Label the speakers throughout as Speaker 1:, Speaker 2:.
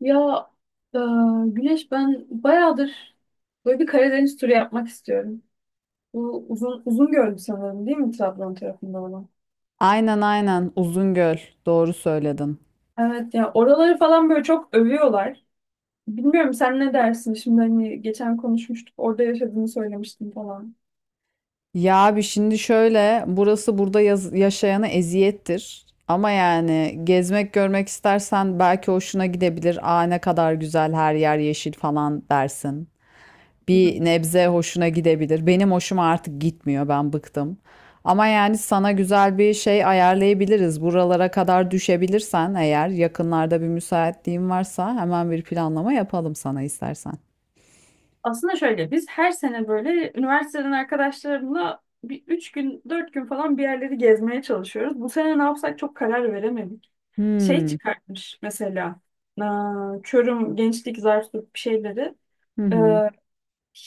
Speaker 1: Ya e, Güneş ben bayağıdır böyle bir Karadeniz turu yapmak istiyorum. Bu uzun uzun gördüm sanırım değil mi, Trabzon tarafında olan?
Speaker 2: Aynen aynen Uzungöl doğru söyledin.
Speaker 1: Evet ya, oraları falan böyle çok övüyorlar. Bilmiyorum, sen ne dersin? Şimdi hani geçen konuşmuştuk, orada yaşadığını söylemiştin falan.
Speaker 2: Ya abi şimdi şöyle burası burada yaşayana eziyettir. Ama yani gezmek görmek istersen belki hoşuna gidebilir. Aa, ne kadar güzel her yer yeşil falan dersin.
Speaker 1: Hı hı.
Speaker 2: Bir nebze hoşuna gidebilir. Benim hoşuma artık gitmiyor, ben bıktım. Ama yani sana güzel bir şey ayarlayabiliriz. Buralara kadar düşebilirsen, eğer yakınlarda bir müsaitliğin varsa, hemen bir planlama yapalım sana istersen.
Speaker 1: Aslında şöyle, biz her sene böyle üniversiteden arkadaşlarımla bir 3 gün 4 gün falan bir yerleri gezmeye çalışıyoruz. Bu sene ne yapsak çok karar veremedik. Şey
Speaker 2: Hmm.
Speaker 1: çıkartmış mesela. Aa, Çorum Gençlik Zarflık bir şeyleri.
Speaker 2: Hı hı.
Speaker 1: Ee,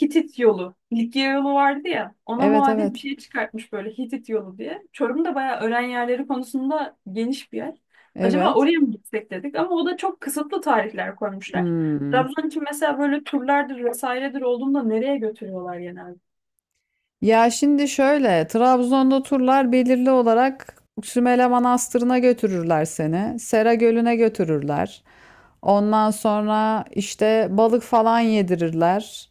Speaker 1: Hitit yolu, Likya yolu vardı ya, ona
Speaker 2: Evet
Speaker 1: muadil bir
Speaker 2: evet.
Speaker 1: şey çıkartmış böyle, Hitit yolu diye. Çorum da bayağı öğren yerleri konusunda geniş bir yer, acaba
Speaker 2: Evet.
Speaker 1: oraya mı gitsek dedik ama o da çok kısıtlı tarihler koymuşlar.
Speaker 2: Hmm.
Speaker 1: Trabzon için mesela böyle turlardır vesairedir olduğunda, nereye götürüyorlar genelde?
Speaker 2: Ya şimdi şöyle, Trabzon'da turlar belirli olarak Sümele Manastırı'na götürürler seni. Sera Gölü'ne götürürler. Ondan sonra işte balık falan yedirirler.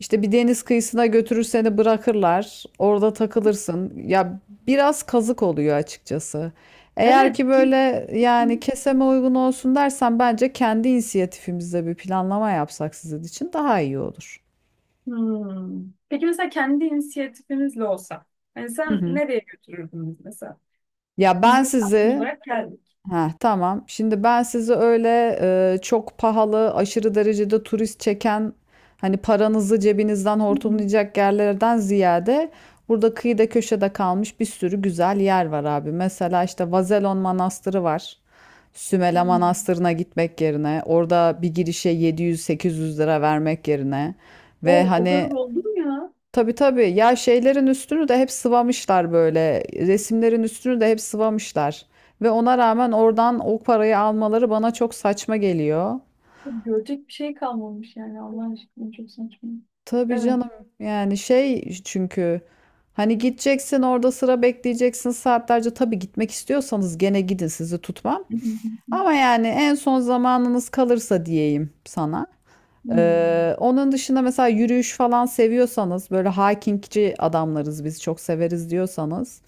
Speaker 2: İşte bir deniz kıyısına götürür seni bırakırlar. Orada takılırsın. Ya biraz kazık oluyor açıkçası. Eğer
Speaker 1: evet
Speaker 2: ki
Speaker 1: bir-
Speaker 2: böyle yani keseme uygun olsun dersen, bence kendi inisiyatifimizle bir planlama yapsak sizin için daha iyi olur.
Speaker 1: Hmm. Peki mesela kendi inisiyatifimizle olsa, hani sen nereye götürürdün bizi mesela?
Speaker 2: Ya
Speaker 1: Biz
Speaker 2: ben
Speaker 1: misafir
Speaker 2: sizi
Speaker 1: olarak geldik.
Speaker 2: ha tamam. Şimdi ben sizi öyle çok pahalı, aşırı derecede turist çeken, hani paranızı cebinizden
Speaker 1: Hı hı.
Speaker 2: hortumlayacak yerlerden ziyade burada kıyıda köşede kalmış bir sürü güzel yer var abi. Mesela işte Vazelon Manastırı var.
Speaker 1: Hı.
Speaker 2: Sümele Manastırı'na gitmek yerine orada bir girişe 700-800 lira vermek yerine ve
Speaker 1: O, o kadar
Speaker 2: hani,
Speaker 1: oldu mu ya?
Speaker 2: tabii tabii. Ya şeylerin üstünü de hep sıvamışlar böyle. Resimlerin üstünü de hep sıvamışlar. Ve ona rağmen oradan o parayı almaları bana çok saçma geliyor.
Speaker 1: Görecek bir şey kalmamış yani, Allah aşkına, çok saçma.
Speaker 2: Tabii
Speaker 1: Evet.
Speaker 2: canım. Yani şey çünkü hani gideceksin, orada sıra bekleyeceksin saatlerce. Tabii gitmek istiyorsanız gene gidin, sizi tutmam.
Speaker 1: Hı hı hı.
Speaker 2: Ama yani en son zamanınız kalırsa diyeyim sana.
Speaker 1: Hı.
Speaker 2: Onun dışında mesela yürüyüş falan seviyorsanız, böyle hikingci adamlarız biz çok severiz diyorsanız,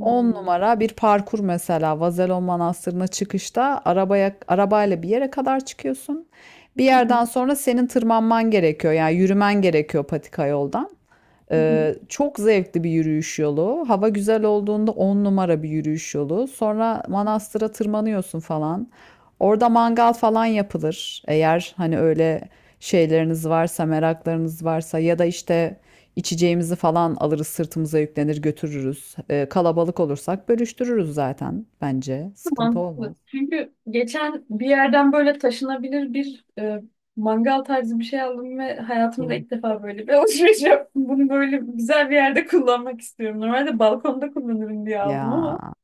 Speaker 2: 10 numara bir parkur mesela Vazelon Manastırı'na çıkışta arabayla bir yere kadar çıkıyorsun. Bir
Speaker 1: Hı hı.
Speaker 2: yerden sonra senin tırmanman gerekiyor. Yani yürümen gerekiyor, patika yoldan.
Speaker 1: Hı hı.
Speaker 2: Çok zevkli bir yürüyüş yolu. Hava güzel olduğunda 10 numara bir yürüyüş yolu. Sonra manastıra tırmanıyorsun falan. Orada mangal falan yapılır. Eğer hani öyle şeyleriniz varsa, meraklarınız varsa ya da işte içeceğimizi falan alırız, sırtımıza yüklenir, götürürüz. Kalabalık olursak bölüştürürüz zaten bence. Sıkıntı
Speaker 1: Mantıklı.
Speaker 2: olmaz.
Speaker 1: Çünkü geçen bir yerden böyle taşınabilir bir mangal tarzı bir şey aldım ve hayatımda
Speaker 2: O.
Speaker 1: ilk defa böyle bir alışveriş yaptım. Bunu böyle güzel bir yerde kullanmak istiyorum. Normalde balkonda kullanırım diye aldım ama
Speaker 2: Ya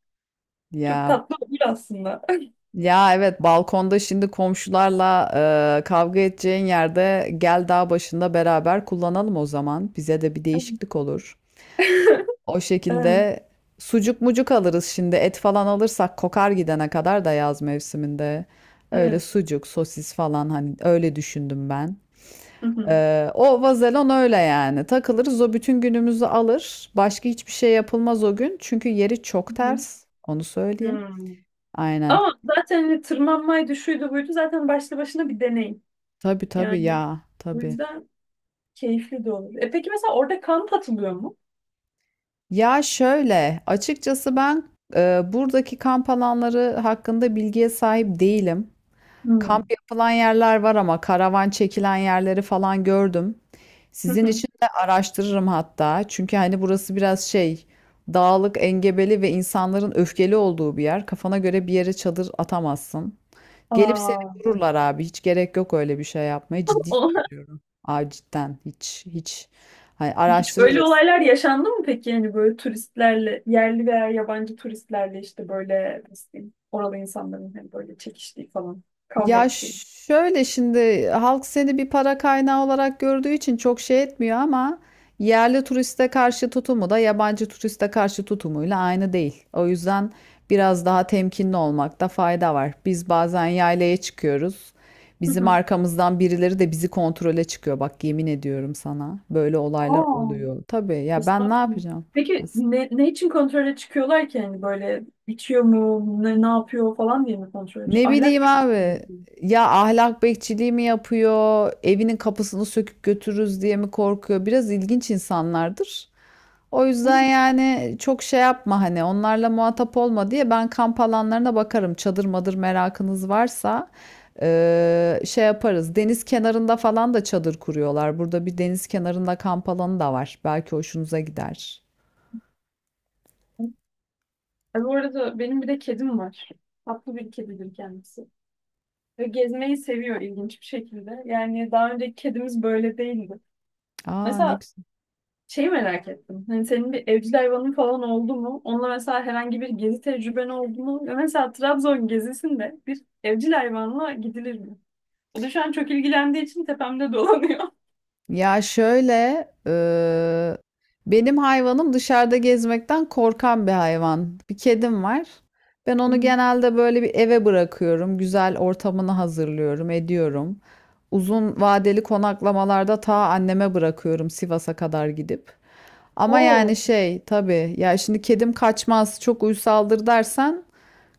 Speaker 1: çok
Speaker 2: ya.
Speaker 1: tatlı olur aslında.
Speaker 2: Ya evet, balkonda şimdi komşularla kavga edeceğin yerde gel dağ başında beraber kullanalım o zaman. Bize de bir değişiklik olur. O
Speaker 1: Evet,
Speaker 2: şekilde sucuk mucuk alırız, şimdi et falan alırsak kokar gidene kadar da yaz mevsiminde. Öyle
Speaker 1: evet.
Speaker 2: sucuk sosis falan hani, öyle düşündüm ben.
Speaker 1: Hı hı.
Speaker 2: O vazelon öyle yani, takılırız, o bütün günümüzü alır. Başka hiçbir şey yapılmaz o gün, çünkü yeri çok
Speaker 1: Hı hı.
Speaker 2: ters, onu söyleyeyim.
Speaker 1: Hmm.
Speaker 2: Aynen.
Speaker 1: Ama zaten hani tırmanmaydı, şuydu buydu, zaten başlı başına bir deneyim.
Speaker 2: Tabii tabii
Speaker 1: Yani
Speaker 2: ya
Speaker 1: bu
Speaker 2: tabii.
Speaker 1: yüzden keyifli de olur. E, peki mesela orada kamp atılıyor mu?
Speaker 2: Ya şöyle, açıkçası ben buradaki kamp alanları hakkında bilgiye sahip değilim. Kamp
Speaker 1: Hmm.
Speaker 2: yapılan yerler var ama karavan çekilen yerleri falan gördüm.
Speaker 1: Hı
Speaker 2: Sizin
Speaker 1: hı.
Speaker 2: için de araştırırım hatta. Çünkü hani burası biraz şey, dağlık, engebeli ve insanların öfkeli olduğu bir yer. Kafana göre bir yere çadır atamazsın. Gelip seni
Speaker 1: Aa.
Speaker 2: vururlar abi. Hiç gerek yok öyle bir şey yapmaya. Ciddi
Speaker 1: O-
Speaker 2: söylüyorum. Aa, cidden hiç hiç. Hani
Speaker 1: Hiç böyle
Speaker 2: araştırırız.
Speaker 1: olaylar yaşandı mı peki? Yani böyle turistlerle, yerli veya yabancı turistlerle, işte böyle nasıl diyeyim, oralı insanların hani böyle çekiştiği falan, kavga
Speaker 2: Ya
Speaker 1: ettiği.
Speaker 2: şöyle, şimdi halk seni bir para kaynağı olarak gördüğü için çok şey etmiyor, ama yerli turiste karşı tutumu da yabancı turiste karşı tutumuyla aynı değil. O yüzden biraz daha temkinli olmakta fayda var. Biz bazen yaylaya çıkıyoruz.
Speaker 1: Hı
Speaker 2: Bizim
Speaker 1: hı.
Speaker 2: arkamızdan birileri de bizi kontrole çıkıyor. Bak yemin ediyorum sana, böyle olaylar
Speaker 1: Aa,
Speaker 2: oluyor. Tabii ya, ben ne
Speaker 1: estağfurullah.
Speaker 2: yapacağım?
Speaker 1: Peki ne için kontrole çıkıyorlar ki? Yani böyle içiyor mu, ne yapıyor falan diye mi kontrole
Speaker 2: Ne
Speaker 1: çıkıyor? Ahlak
Speaker 2: bileyim
Speaker 1: bir için mi
Speaker 2: abi.
Speaker 1: yapıyor?
Speaker 2: Ya ahlak bekçiliği mi yapıyor? Evinin kapısını söküp götürürüz diye mi korkuyor? Biraz ilginç insanlardır. O
Speaker 1: Hı
Speaker 2: yüzden yani çok şey yapma, hani onlarla muhatap olma diye ben kamp alanlarına bakarım. Çadır madır merakınız varsa, şey yaparız. Deniz kenarında falan da çadır kuruyorlar. Burada bir deniz kenarında kamp alanı da var. Belki hoşunuza gider.
Speaker 1: hı. E, bu arada benim bir de kedim var. Tatlı bir kedidir kendisi. Ve gezmeyi seviyor, ilginç bir şekilde. Yani daha önceki kedimiz böyle değildi.
Speaker 2: Aa, ne
Speaker 1: Mesela
Speaker 2: güzel.
Speaker 1: şeyi merak ettim. Hani senin bir evcil hayvanın falan oldu mu? Onunla mesela herhangi bir gezi tecrüben oldu mu? Ve mesela Trabzon gezisinde bir evcil hayvanla gidilir mi? O da şu an çok ilgilendiği için tepemde dolanıyor.
Speaker 2: Ya şöyle, benim hayvanım dışarıda gezmekten korkan bir hayvan. Bir kedim var. Ben
Speaker 1: Hı
Speaker 2: onu
Speaker 1: hı.
Speaker 2: genelde böyle bir eve bırakıyorum. Güzel ortamını hazırlıyorum, ediyorum. Uzun vadeli konaklamalarda ta anneme bırakıyorum, Sivas'a kadar gidip. Ama yani
Speaker 1: Oo.
Speaker 2: şey, tabii ya, şimdi kedim kaçmaz, çok uysaldır dersen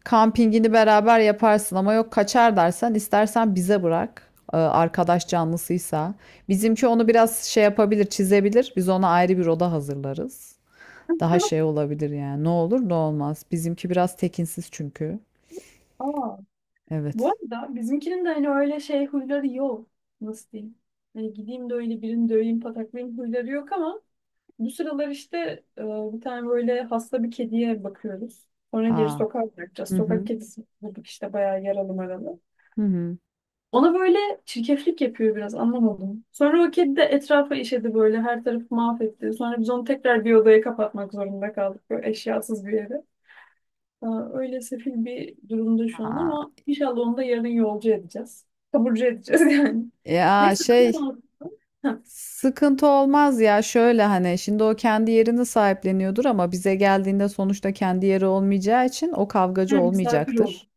Speaker 2: kampingini beraber yaparsın, ama yok kaçar dersen istersen bize bırak. Arkadaş canlısıysa bizimki onu biraz şey yapabilir, çizebilir. Biz ona ayrı bir oda hazırlarız. Daha şey olabilir yani. Ne olur ne olmaz. Bizimki biraz tekinsiz çünkü.
Speaker 1: Aa. Bu
Speaker 2: Evet.
Speaker 1: arada bizimkinin de hani öyle şey huyları yok. Nasıl diyeyim? Hani gideyim de öyle birini döveyim, pataklayayım huyları yok ama bu sıralar işte, e, bir tane böyle hasta bir kediye bakıyoruz. Sonra geri
Speaker 2: Aa.
Speaker 1: sokağa bırakacağız.
Speaker 2: Hı
Speaker 1: Sokak
Speaker 2: hı.
Speaker 1: kedisi bulduk işte, bayağı yaralı maralı.
Speaker 2: Hı hı.
Speaker 1: Ona böyle çirkeflik yapıyor biraz, anlamadım. Sonra o kedi de etrafa işedi, böyle her tarafı mahvetti. Sonra biz onu tekrar bir odaya kapatmak zorunda kaldık, böyle eşyasız bir yere. Aa, öyle sefil bir durumda şu an
Speaker 2: Aa,
Speaker 1: ama inşallah onu da yarın yolcu edeceğiz. Taburcu edeceğiz yani.
Speaker 2: ya
Speaker 1: Neyse, ben de
Speaker 2: şey,
Speaker 1: aldım. Ha,
Speaker 2: sıkıntı olmaz, ya şöyle, hani şimdi o kendi yerini sahipleniyordur ama bize geldiğinde sonuçta kendi yeri olmayacağı için o kavgacı
Speaker 1: yani misafir oldum.
Speaker 2: olmayacaktır.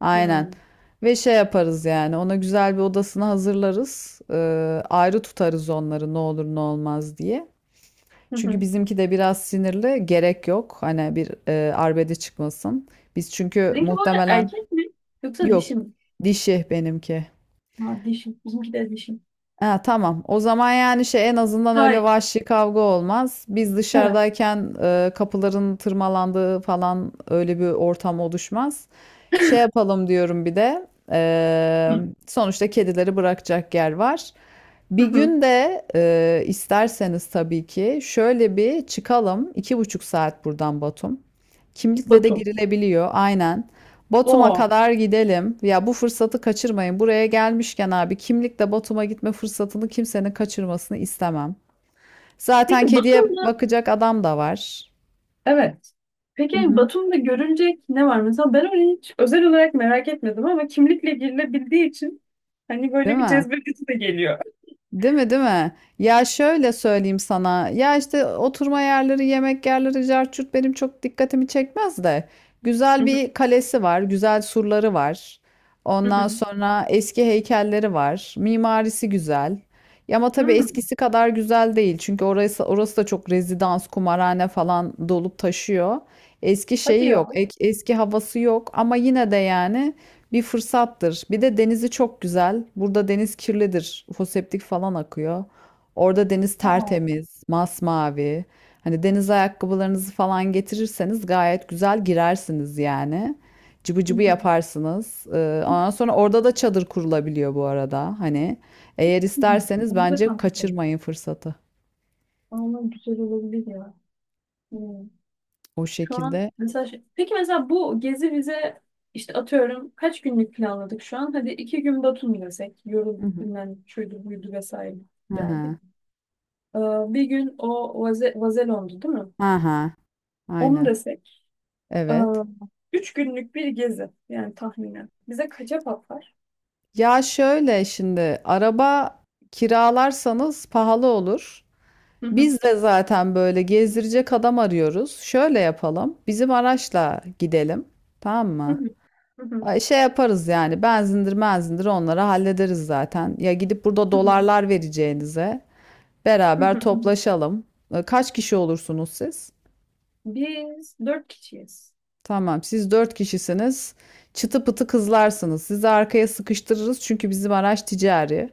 Speaker 2: Aynen.
Speaker 1: Hmm.
Speaker 2: Ve şey yaparız yani, ona güzel bir odasını hazırlarız. Ayrı tutarız onları ne olur ne olmaz diye.
Speaker 1: Hı
Speaker 2: Çünkü
Speaker 1: hı.
Speaker 2: bizimki de biraz sinirli, gerek yok. Hani bir arbede çıkmasın. Biz çünkü
Speaker 1: Sizinki bu arada
Speaker 2: muhtemelen
Speaker 1: erkek mi yoksa
Speaker 2: yok
Speaker 1: dişi mi?
Speaker 2: dişi benimki.
Speaker 1: Ha, dişi. Bizimki de dişi.
Speaker 2: Ha, tamam. O zaman yani şey, en azından öyle
Speaker 1: Hayır.
Speaker 2: vahşi kavga olmaz. Biz
Speaker 1: Evet.
Speaker 2: dışarıdayken kapıların tırmalandığı falan, öyle bir ortam oluşmaz. Şey yapalım diyorum bir de. e, Sonuçta kedileri bırakacak yer var.
Speaker 1: Hı
Speaker 2: Bir
Speaker 1: hı.
Speaker 2: gün de isterseniz tabii ki şöyle bir çıkalım. 2,5 saat buradan Batum. Kimlikle de
Speaker 1: Batum.
Speaker 2: girilebiliyor, aynen. Batum'a
Speaker 1: Oo.
Speaker 2: kadar gidelim. Ya bu fırsatı kaçırmayın. Buraya gelmişken abi, kimlikle Batum'a gitme fırsatını kimsenin kaçırmasını istemem.
Speaker 1: Peki
Speaker 2: Zaten kediye
Speaker 1: Batum.
Speaker 2: bakacak adam da var.
Speaker 1: Evet. Peki
Speaker 2: Hı hı.
Speaker 1: Batum'da görülecek ne var? Mesela ben onu hiç özel olarak merak etmedim ama kimlikle girilebildiği için hani
Speaker 2: Değil
Speaker 1: böyle bir
Speaker 2: mi?
Speaker 1: cezbedesi de geliyor.
Speaker 2: Değil mi, değil mi? Ya şöyle söyleyeyim sana. Ya işte oturma yerleri, yemek yerleri, cart curt benim çok dikkatimi çekmez de.
Speaker 1: Hı
Speaker 2: Güzel
Speaker 1: hı,
Speaker 2: bir kalesi var, güzel surları var.
Speaker 1: hı
Speaker 2: Ondan
Speaker 1: hı.
Speaker 2: sonra eski heykelleri var. Mimarisi güzel. Ya ama tabii
Speaker 1: Hı.
Speaker 2: eskisi kadar güzel değil. Çünkü orası, orası da çok rezidans, kumarhane falan dolup taşıyor. Eski
Speaker 1: Hadi
Speaker 2: şeyi yok,
Speaker 1: ya.
Speaker 2: eski havası yok, ama yine de yani bir fırsattır. Bir de denizi çok güzel. Burada deniz kirlidir. Foseptik falan akıyor. Orada deniz
Speaker 1: Aa.
Speaker 2: tertemiz, masmavi. Hani deniz ayakkabılarınızı falan getirirseniz gayet güzel girersiniz yani. Cıbı
Speaker 1: Hı
Speaker 2: cıbı
Speaker 1: hı.
Speaker 2: yaparsınız. Ondan sonra orada da çadır kurulabiliyor bu arada. Hani eğer
Speaker 1: Hı.
Speaker 2: isterseniz
Speaker 1: Hadi de
Speaker 2: bence
Speaker 1: kamp yapalım.
Speaker 2: kaçırmayın fırsatı.
Speaker 1: Ama güzel olabilir ya. Hı.
Speaker 2: O
Speaker 1: Şu an
Speaker 2: şekilde.
Speaker 1: mesela peki mesela bu gezi bize, işte atıyorum, kaç günlük planladık şu an? Hadi 2 gün Batum desek.
Speaker 2: Hı
Speaker 1: Yorulduk,
Speaker 2: hı.
Speaker 1: bilmem şuydu buydu vesaire,
Speaker 2: Hı
Speaker 1: geldik.
Speaker 2: hı.
Speaker 1: Ee, Bir gün o Vazelon'du değil mi?
Speaker 2: Hı hı.
Speaker 1: Onu
Speaker 2: Aynen.
Speaker 1: desek. e,
Speaker 2: Evet.
Speaker 1: üç günlük bir gezi. Yani tahminen. Bize kaça patlar?
Speaker 2: Ya şöyle, şimdi araba kiralarsanız pahalı olur.
Speaker 1: Hı hı,
Speaker 2: Biz de zaten böyle gezdirecek adam arıyoruz. Şöyle yapalım, bizim araçla gidelim. Tamam
Speaker 1: hı
Speaker 2: mı?
Speaker 1: hı, hı hı,
Speaker 2: Ay, şey yaparız yani, benzindir menzindir onları hallederiz zaten. Ya gidip burada
Speaker 1: hı hı,
Speaker 2: dolarlar vereceğinize
Speaker 1: hı hı,
Speaker 2: beraber
Speaker 1: hı hı.
Speaker 2: toplaşalım. E, kaç kişi olursunuz siz?
Speaker 1: Biz dört kişiyiz.
Speaker 2: Tamam, siz dört kişisiniz. Çıtı pıtı kızlarsınız. Sizi arkaya sıkıştırırız, çünkü bizim araç ticari.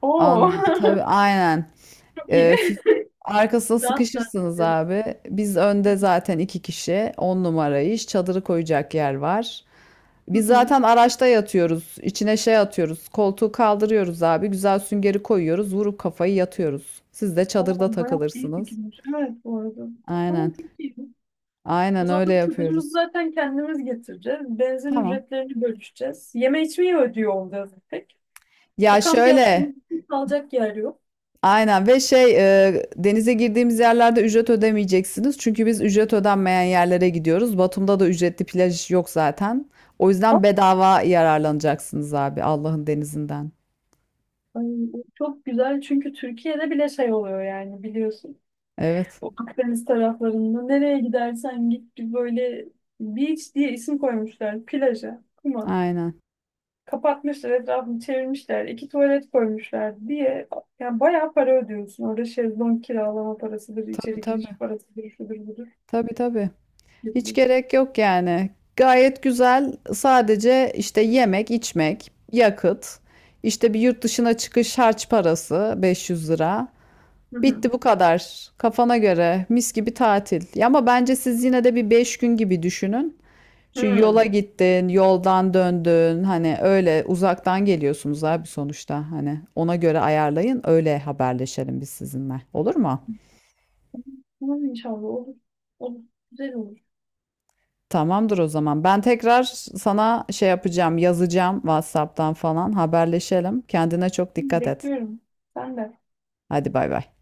Speaker 1: Oo.
Speaker 2: Anla tabii, aynen.
Speaker 1: Çok iyi.
Speaker 2: Ee, fi- Arkasına
Speaker 1: Rahat rahat
Speaker 2: sıkışırsınız
Speaker 1: ederiz.
Speaker 2: abi. Biz
Speaker 1: Hı
Speaker 2: önde
Speaker 1: hı.
Speaker 2: zaten iki kişi. On numara iş. Çadırı koyacak yer var.
Speaker 1: Hı
Speaker 2: Biz
Speaker 1: hı.
Speaker 2: zaten araçta yatıyoruz. İçine şey atıyoruz. Koltuğu kaldırıyoruz abi. Güzel süngeri koyuyoruz. Vurup kafayı yatıyoruz. Siz de
Speaker 1: Oo,
Speaker 2: çadırda
Speaker 1: bayağı iyi
Speaker 2: takılırsınız.
Speaker 1: fikirmiş, evet bu arada. Tamam,
Speaker 2: Aynen.
Speaker 1: çok iyi. O
Speaker 2: Aynen
Speaker 1: zaman
Speaker 2: öyle
Speaker 1: çadırımızı
Speaker 2: yapıyoruz.
Speaker 1: zaten kendimiz getireceğiz. Benzin
Speaker 2: Tamam.
Speaker 1: ücretlerini bölüşeceğiz. Yeme içmeyi ödüyor olacağız tek. E,
Speaker 2: Ya
Speaker 1: kamp
Speaker 2: şöyle.
Speaker 1: yaptığımız için kalacak yer yok.
Speaker 2: Aynen, ve şey, denize girdiğimiz yerlerde ücret ödemeyeceksiniz. Çünkü biz ücret ödenmeyen yerlere gidiyoruz. Batum'da da ücretli plaj yok zaten. O yüzden bedava yararlanacaksınız abi, Allah'ın denizinden.
Speaker 1: Ay, bu çok güzel çünkü Türkiye'de bile şey oluyor yani, biliyorsun.
Speaker 2: Evet.
Speaker 1: O Akdeniz taraflarında nereye gidersen git, bir böyle "beach" diye isim koymuşlar plaja, kuma.
Speaker 2: Aynen.
Speaker 1: Kapatmışlar, etrafını çevirmişler, iki tuvalet koymuşlar diye. Yani bayağı para ödüyorsun. Orada şezlong kiralama parasıdır,
Speaker 2: Tabii
Speaker 1: içeri giriş
Speaker 2: tabii.
Speaker 1: parasıdır, şudur budur
Speaker 2: Tabii tabii. Hiç
Speaker 1: gibi.
Speaker 2: gerek yok yani. Gayet güzel. Sadece işte yemek, içmek, yakıt, işte bir yurt dışına çıkış harç parası 500 lira.
Speaker 1: Hı hı.
Speaker 2: Bitti bu kadar. Kafana göre mis gibi tatil. Ya ama bence siz yine de bir 5 gün gibi düşünün. Çünkü yola
Speaker 1: Hı.
Speaker 2: gittin, yoldan döndün. Hani öyle uzaktan geliyorsunuz abi sonuçta. Hani ona göre ayarlayın. Öyle haberleşelim biz sizinle. Olur mu?
Speaker 1: Umarım inşallah olur. Olur. Güzel olur.
Speaker 2: Tamamdır o zaman. Ben tekrar sana şey yapacağım, yazacağım, WhatsApp'tan falan haberleşelim. Kendine çok dikkat et.
Speaker 1: Bekliyorum. Sen de.
Speaker 2: Hadi bay bay.